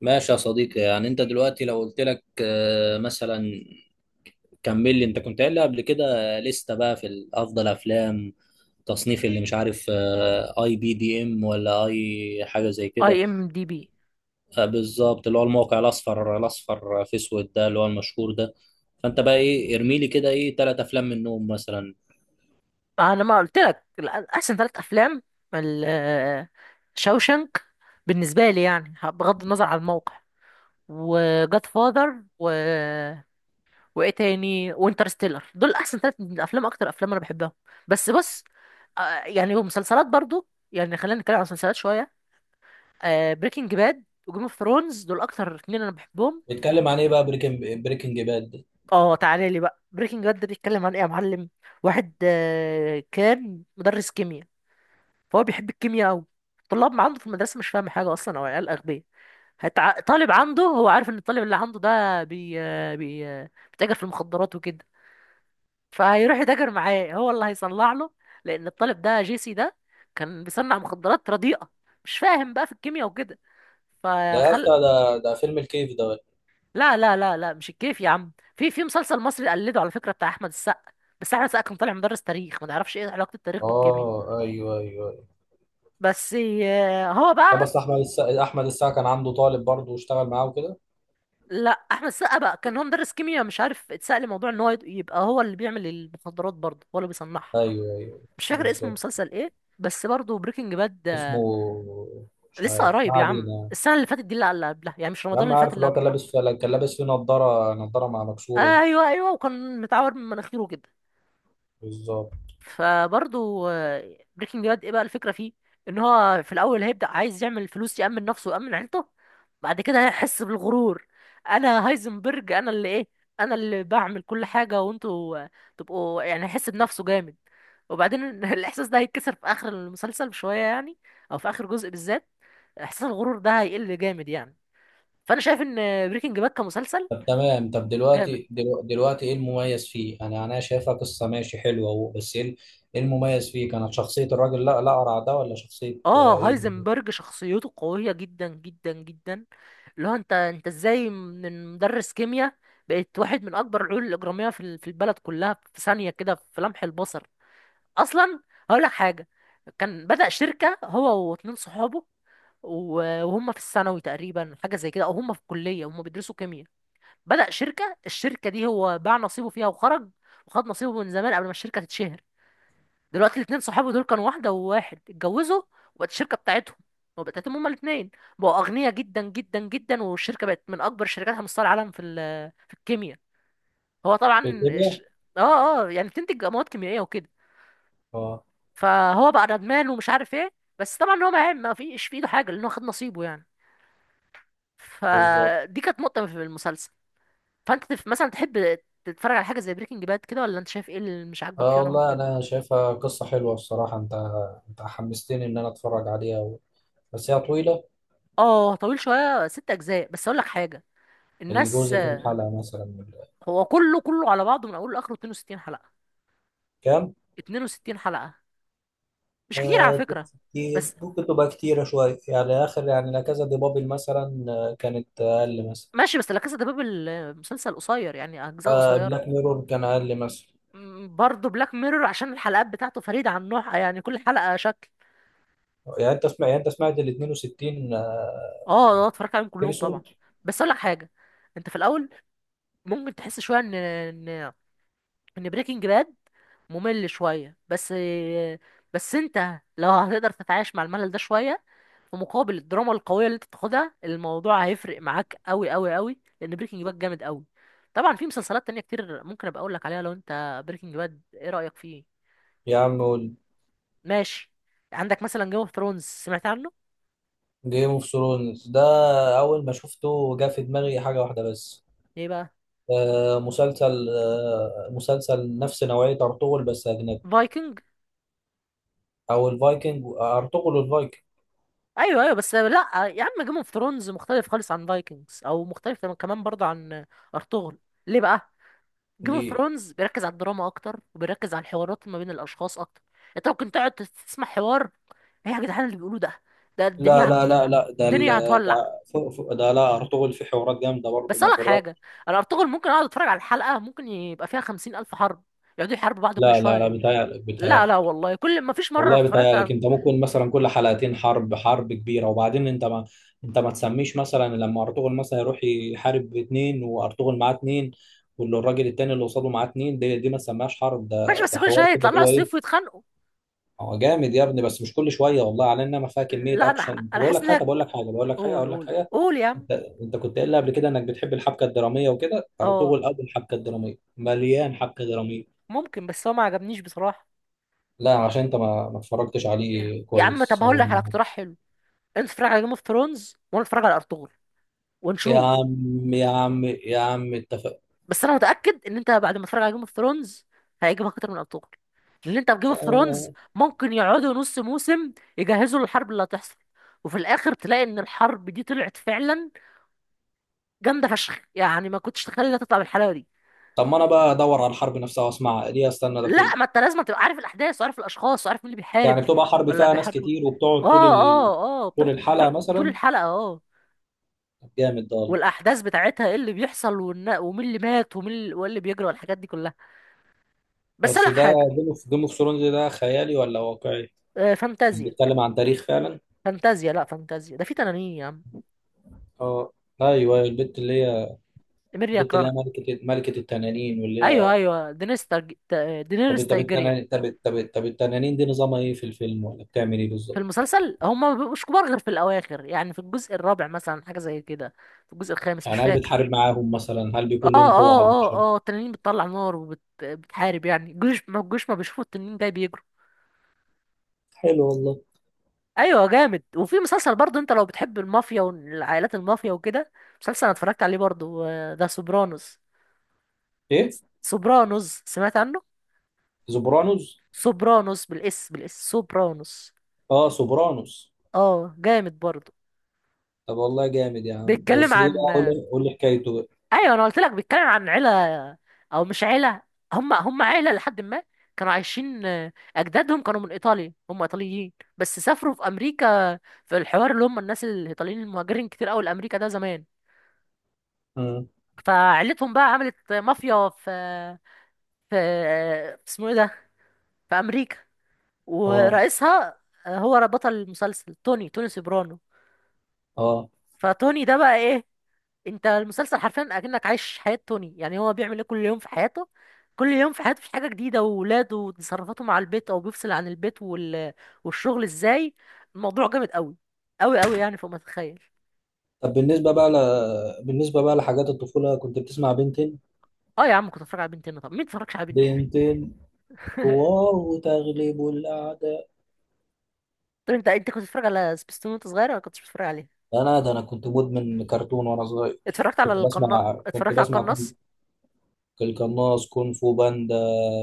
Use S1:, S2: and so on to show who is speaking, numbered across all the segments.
S1: ماشي يا صديقي، يعني انت دلوقتي لو قلت لك مثلا، كمل لي. انت كنت قايل لي قبل كده لستة بقى في افضل افلام تصنيف اللي مش عارف اي بي دي ام، ولا اي حاجه زي كده.
S2: IMDB.
S1: آه، بالظبط، اللي هو الموقع الاصفر الاصفر في اسود ده، اللي هو المشهور ده. فانت بقى ايه، ارمي لي كده ايه ثلاث افلام منهم مثلا.
S2: انا ما قلت لك احسن ثلاث افلام. ال- شوشنك بالنسبه لي، يعني بغض النظر عن الموقع، وجاد فاذر و وايه تاني، وانترستيلر، دول احسن ثلاث افلام، اكتر افلام انا بحبهم. بس بص، يعني ومسلسلات برضو. يعني خلينا نتكلم عن المسلسلات شويه. بريكنج باد وجيم اوف ثرونز دول اكتر اتنين انا بحبهم.
S1: بيتكلم عن ايه بقى بريكنج باد ده؟
S2: اه، تعالى لي بقى بريكنج باد ده بيتكلم عن ايه يا معلم؟ واحد كان مدرس كيمياء، فهو بيحب الكيمياء قوي. الطلاب ما عنده في المدرسه مش فاهم حاجه اصلا، او عيال اغبياء. طالب عنده، هو عارف ان الطالب اللي عنده ده بي... بيتاجر في المخدرات وكده، فهيروح يتاجر معاه. هو اللي هيصنع له، لان الطالب ده جيسي ده كان بيصنع مخدرات رديئه مش فاهم بقى في الكيمياء وكده.
S1: ده يا اسطى،
S2: فخل
S1: ده فيلم الكيف ده؟
S2: لا لا لا لا مش الكيف يا عم، في مسلسل مصري قلده على فكره بتاع احمد السقا، بس احمد السقا كان طالع مدرس تاريخ، ما نعرفش ايه علاقه التاريخ بالكيمياء.
S1: اه، ايوه ايوه.
S2: بس هو
S1: لا،
S2: بقى،
S1: بس احمد السقا كان عنده طالب برضه واشتغل معاه وكده.
S2: لا احمد السقا بقى كان هو مدرس كيمياء مش عارف اتسأل موضوع ان هو يبقى هو اللي بيعمل المخدرات برضه، هو اللي بيصنعها.
S1: ايوه ايوه،
S2: مش فاكر اسم
S1: بالظبط.
S2: المسلسل ايه، بس برضه بريكنج باد.
S1: اسمه؟ مش
S2: لسه
S1: عارف، ما
S2: قريب يا عم،
S1: علينا يعني.
S2: السنه اللي فاتت دي اللي قبلها يعني، مش
S1: يا
S2: رمضان
S1: عم
S2: اللي فات،
S1: عارف،
S2: اللي
S1: اللي هو
S2: قبله.
S1: كان لابس فيه نضاره مع مكسوره دي.
S2: ايوه ايوه، وكان متعور من مناخيره كده.
S1: بالظبط.
S2: فبرضه بريكنج باد ايه بقى الفكره فيه؟ ان هو في الاول هيبدا عايز يعمل فلوس، يامن نفسه ويامن عيلته. بعد كده هيحس بالغرور. انا هايزنبرج، انا اللي ايه، انا اللي بعمل كل حاجه، وانتوا تبقوا يعني. هيحس بنفسه جامد، وبعدين الاحساس ده هيتكسر في اخر المسلسل بشويه يعني، او في اخر جزء بالذات. احساس الغرور ده هيقل جامد يعني. فانا شايف ان بريكنج باد كمسلسل
S1: طب تمام، طب
S2: جامد.
S1: دلوقتي، دلوقتي ايه المميز فيه؟ انا شايفها قصه ماشي حلوه اهو، بس ايه إيه المميز فيه؟ كانت شخصيه الراجل، لا لا، قرع ده، ولا شخصيه
S2: اه،
S1: ايه؟
S2: هايزنبرج شخصيته قوية جدا جدا جدا. اللي هو انت ازاي من مدرس كيمياء بقيت واحد من اكبر العيون الاجرامية في البلد كلها في ثانية كده، في لمح البصر. اصلا هقول لك حاجة، كان بدأ شركة هو واتنين صحابه، و- وهم في الثانوي تقريبا، حاجة زي كده، او هم في الكلية، هم بيدرسوا كيمياء. بدأ شركة، الشركة دي هو باع نصيبه فيها وخرج، وخد نصيبه من زمان قبل ما الشركة تتشهر. دلوقتي الاتنين صحابي دول كانوا واحدة وواحد اتجوزوا، وبقت الشركة بتاعتهم، وبقت بتاعتهم هما الاتنين، بقوا أغنياء جدا جدا جدا، والشركة بقت من أكبر الشركات على مستوى العالم في ال- آه، في الكيمياء. هو طبعا
S1: في كيمياء.
S2: الش... اه اه، يعني بتنتج مواد كيميائية وكده.
S1: اه،
S2: فهو بقى ندمان ومش عارف ايه، بس طبعا هو ما فيش في ايده حاجة، لأنه خد نصيبه يعني.
S1: بالظبط.
S2: فدي كانت نقطة في المسلسل. فأنت مثلا تحب تتفرج على حاجة زي بريكنج باد كده، ولا أنت شايف ايه اللي مش عاجبك
S1: اه
S2: فيه وأنا
S1: والله،
S2: ممكن.
S1: انا شايفها قصه حلوه الصراحه. انت، انت حمستني ان انا اتفرج عليها، بس هي طويلة.
S2: اه، طويل شوية، ست أجزاء، بس أقول لك حاجة. الناس،
S1: الجوزة كام حلقة مثلا؟
S2: هو كله كله على بعضه من اوله لاخره 62 حلقه.
S1: كام؟
S2: 62 حلقه، مش كتير على فكره.
S1: 60
S2: بس
S1: ممكن تبقى كتيرة شوية يعني، آخر يعني، لا كذا دي، بابل مثلا كانت أقل مثلا.
S2: ماشي، بس لا كاسا ده باب المسلسل قصير يعني، اجزاء قصيره.
S1: بلاك ميرور كان أقل مثلا.
S2: برضه بلاك ميرور عشان الحلقات بتاعته فريده عن نوعها يعني، كل حلقه شكل.
S1: يعني أنت سمعت، يعني أنت سمعت ال 62
S2: اه اه، اتفرجت عليهم كلهم طبعا.
S1: إبيسود.
S2: بس اقول لك حاجه، انت في الاول ممكن تحس شويه ان بريكنج باد ممل شويه. بس، بس انت لو هتقدر تتعايش مع الملل ده شويه، في مقابل الدراما القويه اللي انت بتاخدها، الموضوع هيفرق معاك قوي قوي قوي، لان بريكنج باد جامد قوي. طبعا في مسلسلات تانية كتير ممكن ابقى اقول لك عليها، لو انت بريكنج باد ايه رايك فيه.
S1: يا عم،
S2: ماشي. عندك مثلا جيم اوف ثرونز، سمعت عنه؟
S1: جيم اوف ثرونز ده أول ما شفته جه في دماغي حاجة واحدة بس.
S2: ايه بقى
S1: مسلسل نفس نوعية أرطغرل بس أجنبي.
S2: فايكنج؟
S1: أو الفايكنج، أرطغرل والفايكنج.
S2: ايوه ايوه، بس لا يا عم جيم اوف ثرونز مختلف خالص عن فايكنجز، او مختلف كمان برضه عن ارطغرل. ليه بقى؟ جيم اوف ثرونز بيركز على الدراما اكتر، وبيركز على الحوارات ما بين الاشخاص اكتر. انت ممكن تقعد تسمع حوار، ايه يا جدعان اللي بيقولوه ده؟ ده
S1: لا
S2: الدنيا
S1: لا لا لا،
S2: الدنيا
S1: ده
S2: هتولع.
S1: فوق فوق ده. لا، ارطغرل في حوارات جامده برضه
S2: بس اقول
S1: مع
S2: لك
S1: الرد.
S2: حاجه، انا ارطغرل ممكن اقعد اتفرج على الحلقه، ممكن يبقى فيها 50 ألف حرب، يقعدوا يحاربوا بعض كل
S1: لا لا لا،
S2: شويه.
S1: بيتهيألك
S2: لا لا،
S1: بيتهيألك.
S2: والله كل ما فيش مره
S1: والله
S2: اتفرجت
S1: بيتهيألك،
S2: على.
S1: انت ممكن مثلا كل حلقتين حرب، حرب كبيره، وبعدين انت ما تسميش مثلا لما ارطغرل مثلا يروح يحارب اتنين، وارطغرل معاه اتنين، واللي الراجل التاني اللي قصاده معاه اتنين، دي ما تسميهاش حرب،
S2: ماشي،
S1: ده
S2: بس
S1: ده
S2: كل شويه
S1: حوار كده
S2: يطلع
S1: اللي
S2: لها
S1: هو
S2: السيف
S1: ايه.
S2: ويتخانقوا.
S1: هو جامد يا ابني، بس مش كل شويه، والله على انما فيها كميه
S2: لا انا،
S1: اكشن.
S2: انا
S1: بقول
S2: حاسس
S1: لك
S2: ان
S1: حاجه بقول لك حاجه بقول لك حاجه
S2: قول
S1: اقول لك
S2: قول
S1: حاجه.
S2: قول يا عم.
S1: انت كنت قايل لي قبل كده انك بتحب الحبكه الدراميه وكده، ارطغرل
S2: اه،
S1: اول حبكه دراميه، مليان حبكه دراميه.
S2: ممكن بس هو ما عجبنيش بصراحه.
S1: لا، عشان انت ما اتفرجتش
S2: إيه؟
S1: عليه
S2: يا عم طب
S1: كويس،
S2: هقول
S1: أو
S2: لك على اقتراح حلو، انت اتفرج على جيم اوف ثرونز وانا اتفرج على ارطغرل،
S1: يا
S2: ونشوف.
S1: عم يا عم يا عم، اتفق.
S2: بس انا متاكد ان انت بعد ما تتفرج على جيم اوف ثرونز هيعجبك اكتر من ارطغرل، لان انت في جيم اوف ثرونز
S1: آه.
S2: ممكن يقعدوا نص موسم يجهزوا للحرب اللي هتحصل، وفي الاخر تلاقي ان الحرب دي طلعت فعلا جامده فشخ يعني، ما كنتش تتخيل انها تطلع بالحلاوه دي.
S1: طب ما انا بقى ادور على الحرب نفسها واسمعها ليه، استنى ده كله؟
S2: لا، ما انت لازم تبقى عارف الاحداث وعارف الاشخاص وعارف مين اللي
S1: يعني
S2: بيحارب
S1: بتبقى حرب
S2: ولا
S1: فيها ناس
S2: بيحاربه.
S1: كتير، وبتقعد
S2: اه
S1: طول
S2: اه اه،
S1: طول
S2: بتقعد
S1: الحلقه
S2: بتقعد طول
S1: مثلا؟
S2: الحلقه اه.
S1: جامد ده والله.
S2: والاحداث بتاعتها ايه اللي بيحصل، ومين اللي مات ومين اللي, واللي بيجري والحاجات دي كلها. بس اقول
S1: بس
S2: لك
S1: ده،
S2: حاجه،
S1: جيم اوف ثرونز ده خيالي ولا واقعي؟
S2: فانتازيا.
S1: بيتكلم عن تاريخ فعلا؟
S2: فانتازيا، لا فانتازيا ده في تنانين يا عم.
S1: اه، ايوه، البت اللي هي
S2: إيميليا
S1: البت اللي هي
S2: كلارك.
S1: ملكة التنانين، واللي
S2: ايوه
S1: هي.
S2: ايوه،
S1: طب
S2: دينيريس
S1: طب
S2: تايجيريان.
S1: التنانين طب طب طب التنانين دي نظامها ايه في الفيلم، ولا بتعمل ايه
S2: في
S1: بالظبط؟
S2: المسلسل هم ما بيبقوش كبار غير في الاواخر يعني، في الجزء الرابع مثلا حاجه زي كده، في الجزء الخامس مش
S1: يعني هل
S2: فاكر.
S1: بتحارب معاهم مثلا؟ هل
S2: اه
S1: بيكون لهم قوة على
S2: اه.
S1: البشر؟
S2: اه اه، التنانين بتطلع نار وبتحارب يعني الجيوش، ما الجيوش ما بيشوفوا التنين جاي بيجروا.
S1: حلو والله.
S2: ايوه جامد. وفي مسلسل برضه، انت لو بتحب المافيا والعائلات المافيا وكده، مسلسل انا اتفرجت عليه برضه، ده سوبرانوس.
S1: ايه؟
S2: سوبرانوس، سمعت عنه؟
S1: سوبرانوس؟
S2: سوبرانوس بالاس سوبرانوس.
S1: اه، سوبرانوس.
S2: اه جامد برضه.
S1: طب والله جامد يا عم،
S2: بيتكلم
S1: بس ايه
S2: عن،
S1: بقى؟ قول لي قول لي حكايته بقى.
S2: ايوه انا قلت لك بيتكلم عن عيله، او مش عيله، هم عيله لحد ما كانوا عايشين. اجدادهم كانوا من ايطاليا، هم ايطاليين بس سافروا في امريكا، في الحوار اللي هم الناس الايطاليين المهاجرين كتير قوي لامريكا ده زمان.
S1: مم.
S2: فعيلتهم بقى عملت مافيا في في اسمه ايه ده، في امريكا.
S1: اه
S2: ورئيسها هو بطل المسلسل، توني سوبرانو.
S1: اه.
S2: فتوني ده بقى ايه، انت المسلسل حرفيا اكنك عايش حياة توني يعني، هو بيعمل ايه كل يوم في حياته. كل يوم في حياته في حاجة جديدة، وولاده وتصرفاته مع البيت، او بيفصل عن البيت والشغل ازاي. الموضوع جامد قوي قوي قوي يعني، فوق ما تتخيل.
S1: طب بالنسبة بقى بالنسبة بقى لحاجات الطفولة، كنت بتسمع بنتين؟
S2: اه يا عم، كنت اتفرج على بنتين، طب مين اتفرجش على بنتين؟
S1: بنتين، قوة وتغلب الأعداء.
S2: طب انت كنت بتتفرج على سبيستون وانت صغير، ولا كنتش بتتفرج عليه؟
S1: لا لا، ده انا كنت مدمن كرتون وانا صغير. كنت بسمع كنت
S2: اتفرجت على
S1: بسمع
S2: القناص.
S1: كون- القناص، كونغ فو باندا،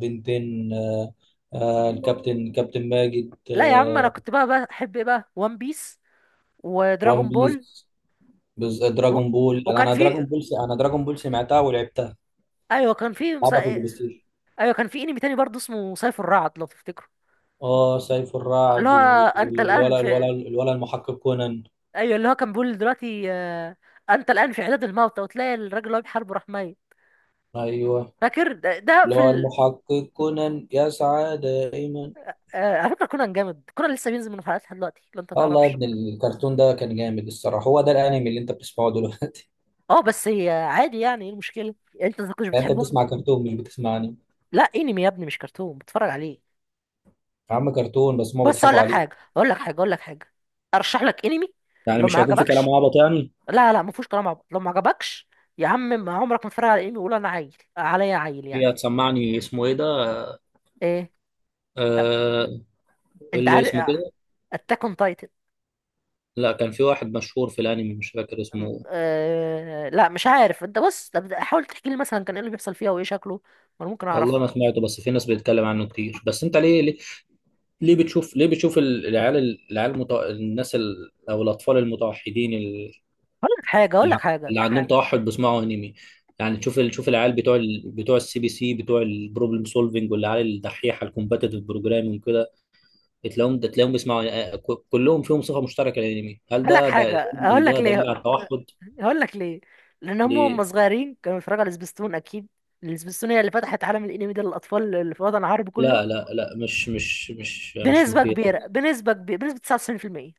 S1: بنتين، كابتن ماجد،
S2: لا يا عم، انا كنت بقى بحب ايه بقى، وان بيس
S1: وان
S2: ودراجون بول.
S1: بيس،
S2: و...
S1: دراجون بول انا
S2: وكان
S1: أنا
S2: في،
S1: دراجون بول س- انا دراجون بول سمعتها ولعبتها.
S2: ايوه كان في،
S1: لعبها في البلاي ستيشن.
S2: ايوه كان في انمي تاني برضه اسمه سيف الرعد لو تفتكروا.
S1: اه، سيف
S2: اللي
S1: الرعد
S2: هو انت الان
S1: والولا الولا
S2: في،
S1: الولا المحقق كونان.
S2: ايوه اللي هو كان بيقول دلوقتي انت الان في عداد الموتى، وتلاقي الراجل اللي هو بيحاربه راح ميت.
S1: ايوه،
S2: فاكر ده،
S1: اللي هو المحقق كونان يسعى دائما.
S2: آه، على فكره كونان جامد، كونان لسه بينزل من حلقات لحد دلوقتي لو انت
S1: الله يا
S2: تعرفش.
S1: ابن، الكرتون ده كان جامد الصراحه. هو ده الانمي اللي انت بتسمعه دلوقتي؟
S2: اه بس هي عادي يعني، ايه المشكله انت ما كنتش
S1: يعني انت
S2: بتحبه انت؟
S1: بتسمع كرتون، مش بتسمعني.
S2: لا انمي يا ابني مش كرتون بتفرج عليه.
S1: يا عم كرتون، بس هما
S2: بس اقول
S1: بيضحكوا
S2: لك
S1: عليك.
S2: حاجه اقول لك حاجه اقول لك حاجه، ارشح لك انمي
S1: يعني
S2: لو ما
S1: مش هيكون في كلام
S2: عجبكش.
S1: عبط يعني؟
S2: لا لا، ما فيهوش كلام عبيط لو ما عجبكش. يا عم ما عمرك ما تتفرج على انمي وقول انا عيل، عليا عيل يعني؟
S1: هي هتسمعني، اسمه ايه ده؟
S2: ايه،
S1: آه
S2: انت
S1: اللي اسمه
S2: عارف،
S1: كده.
S2: اتاك اون تايتن.
S1: لا، كان في واحد مشهور في الانمي مش فاكر اسمه.
S2: لا مش عارف، انت بص طب حاول تحكي لي مثلا كان ايه اللي بيحصل فيها وايه شكله، وانا ممكن
S1: والله
S2: اعرفه.
S1: ما سمعته، بس في ناس بتتكلم عنه كتير. بس انت ليه، ليه بتشوف العيال الناس او الاطفال المتوحدين
S2: هقول لك حاجه هقول لك حاجه
S1: اللي عندهم توحد بيسمعوا انمي؟ يعني تشوف العيال بتوع السي بي سي، بتوع البروبلم سولفنج، والعيال الدحيحه الكومباتيتيف بروجرامينج كده، بتلاقيهم، ده تلاقيهم بيسمعوا كلهم فيهم صفة مشتركة للأنمي. هل
S2: هقول لك
S1: ده ده
S2: حاجه، هقول
S1: ده
S2: لك
S1: دليل
S2: ليه
S1: على التوحد؟
S2: هقول لك ليه، لان هم
S1: ليه؟
S2: صغيرين كانوا بيتفرجوا على سبيستون اكيد. السبيستون هي اللي فتحت عالم الانمي ده للاطفال اللي في الوطن العربي كله.
S1: لا لا لا، مش
S2: بنسبه كبيره،
S1: مقياس.
S2: بنسبه كبيره، بنسبه 99%.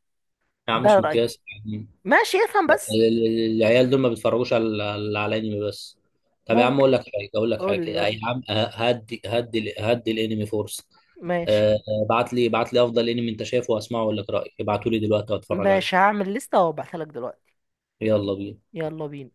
S1: يا عم
S2: ده
S1: مش
S2: رايي.
S1: مقياس يعني،
S2: ماشي افهم بس.
S1: العيال دول ما بيتفرجوش على انمي بس. طب يا عم،
S2: ممكن،
S1: اقول لك حاجه، اقول لك
S2: قول
S1: حاجه،
S2: لي
S1: يا
S2: قول لي،
S1: عم هدي هدي هدي الانمي فرصه.
S2: ماشي.
S1: ابعت لي ابعت لي افضل انمي انت شايفه واسمعه واقول لك رايي، ابعتوا لي دلوقتي واتفرج
S2: ماشي،
S1: عليه.
S2: هعمل لستة وابعتها لك دلوقتي.
S1: يلا بينا.
S2: يلا بينا.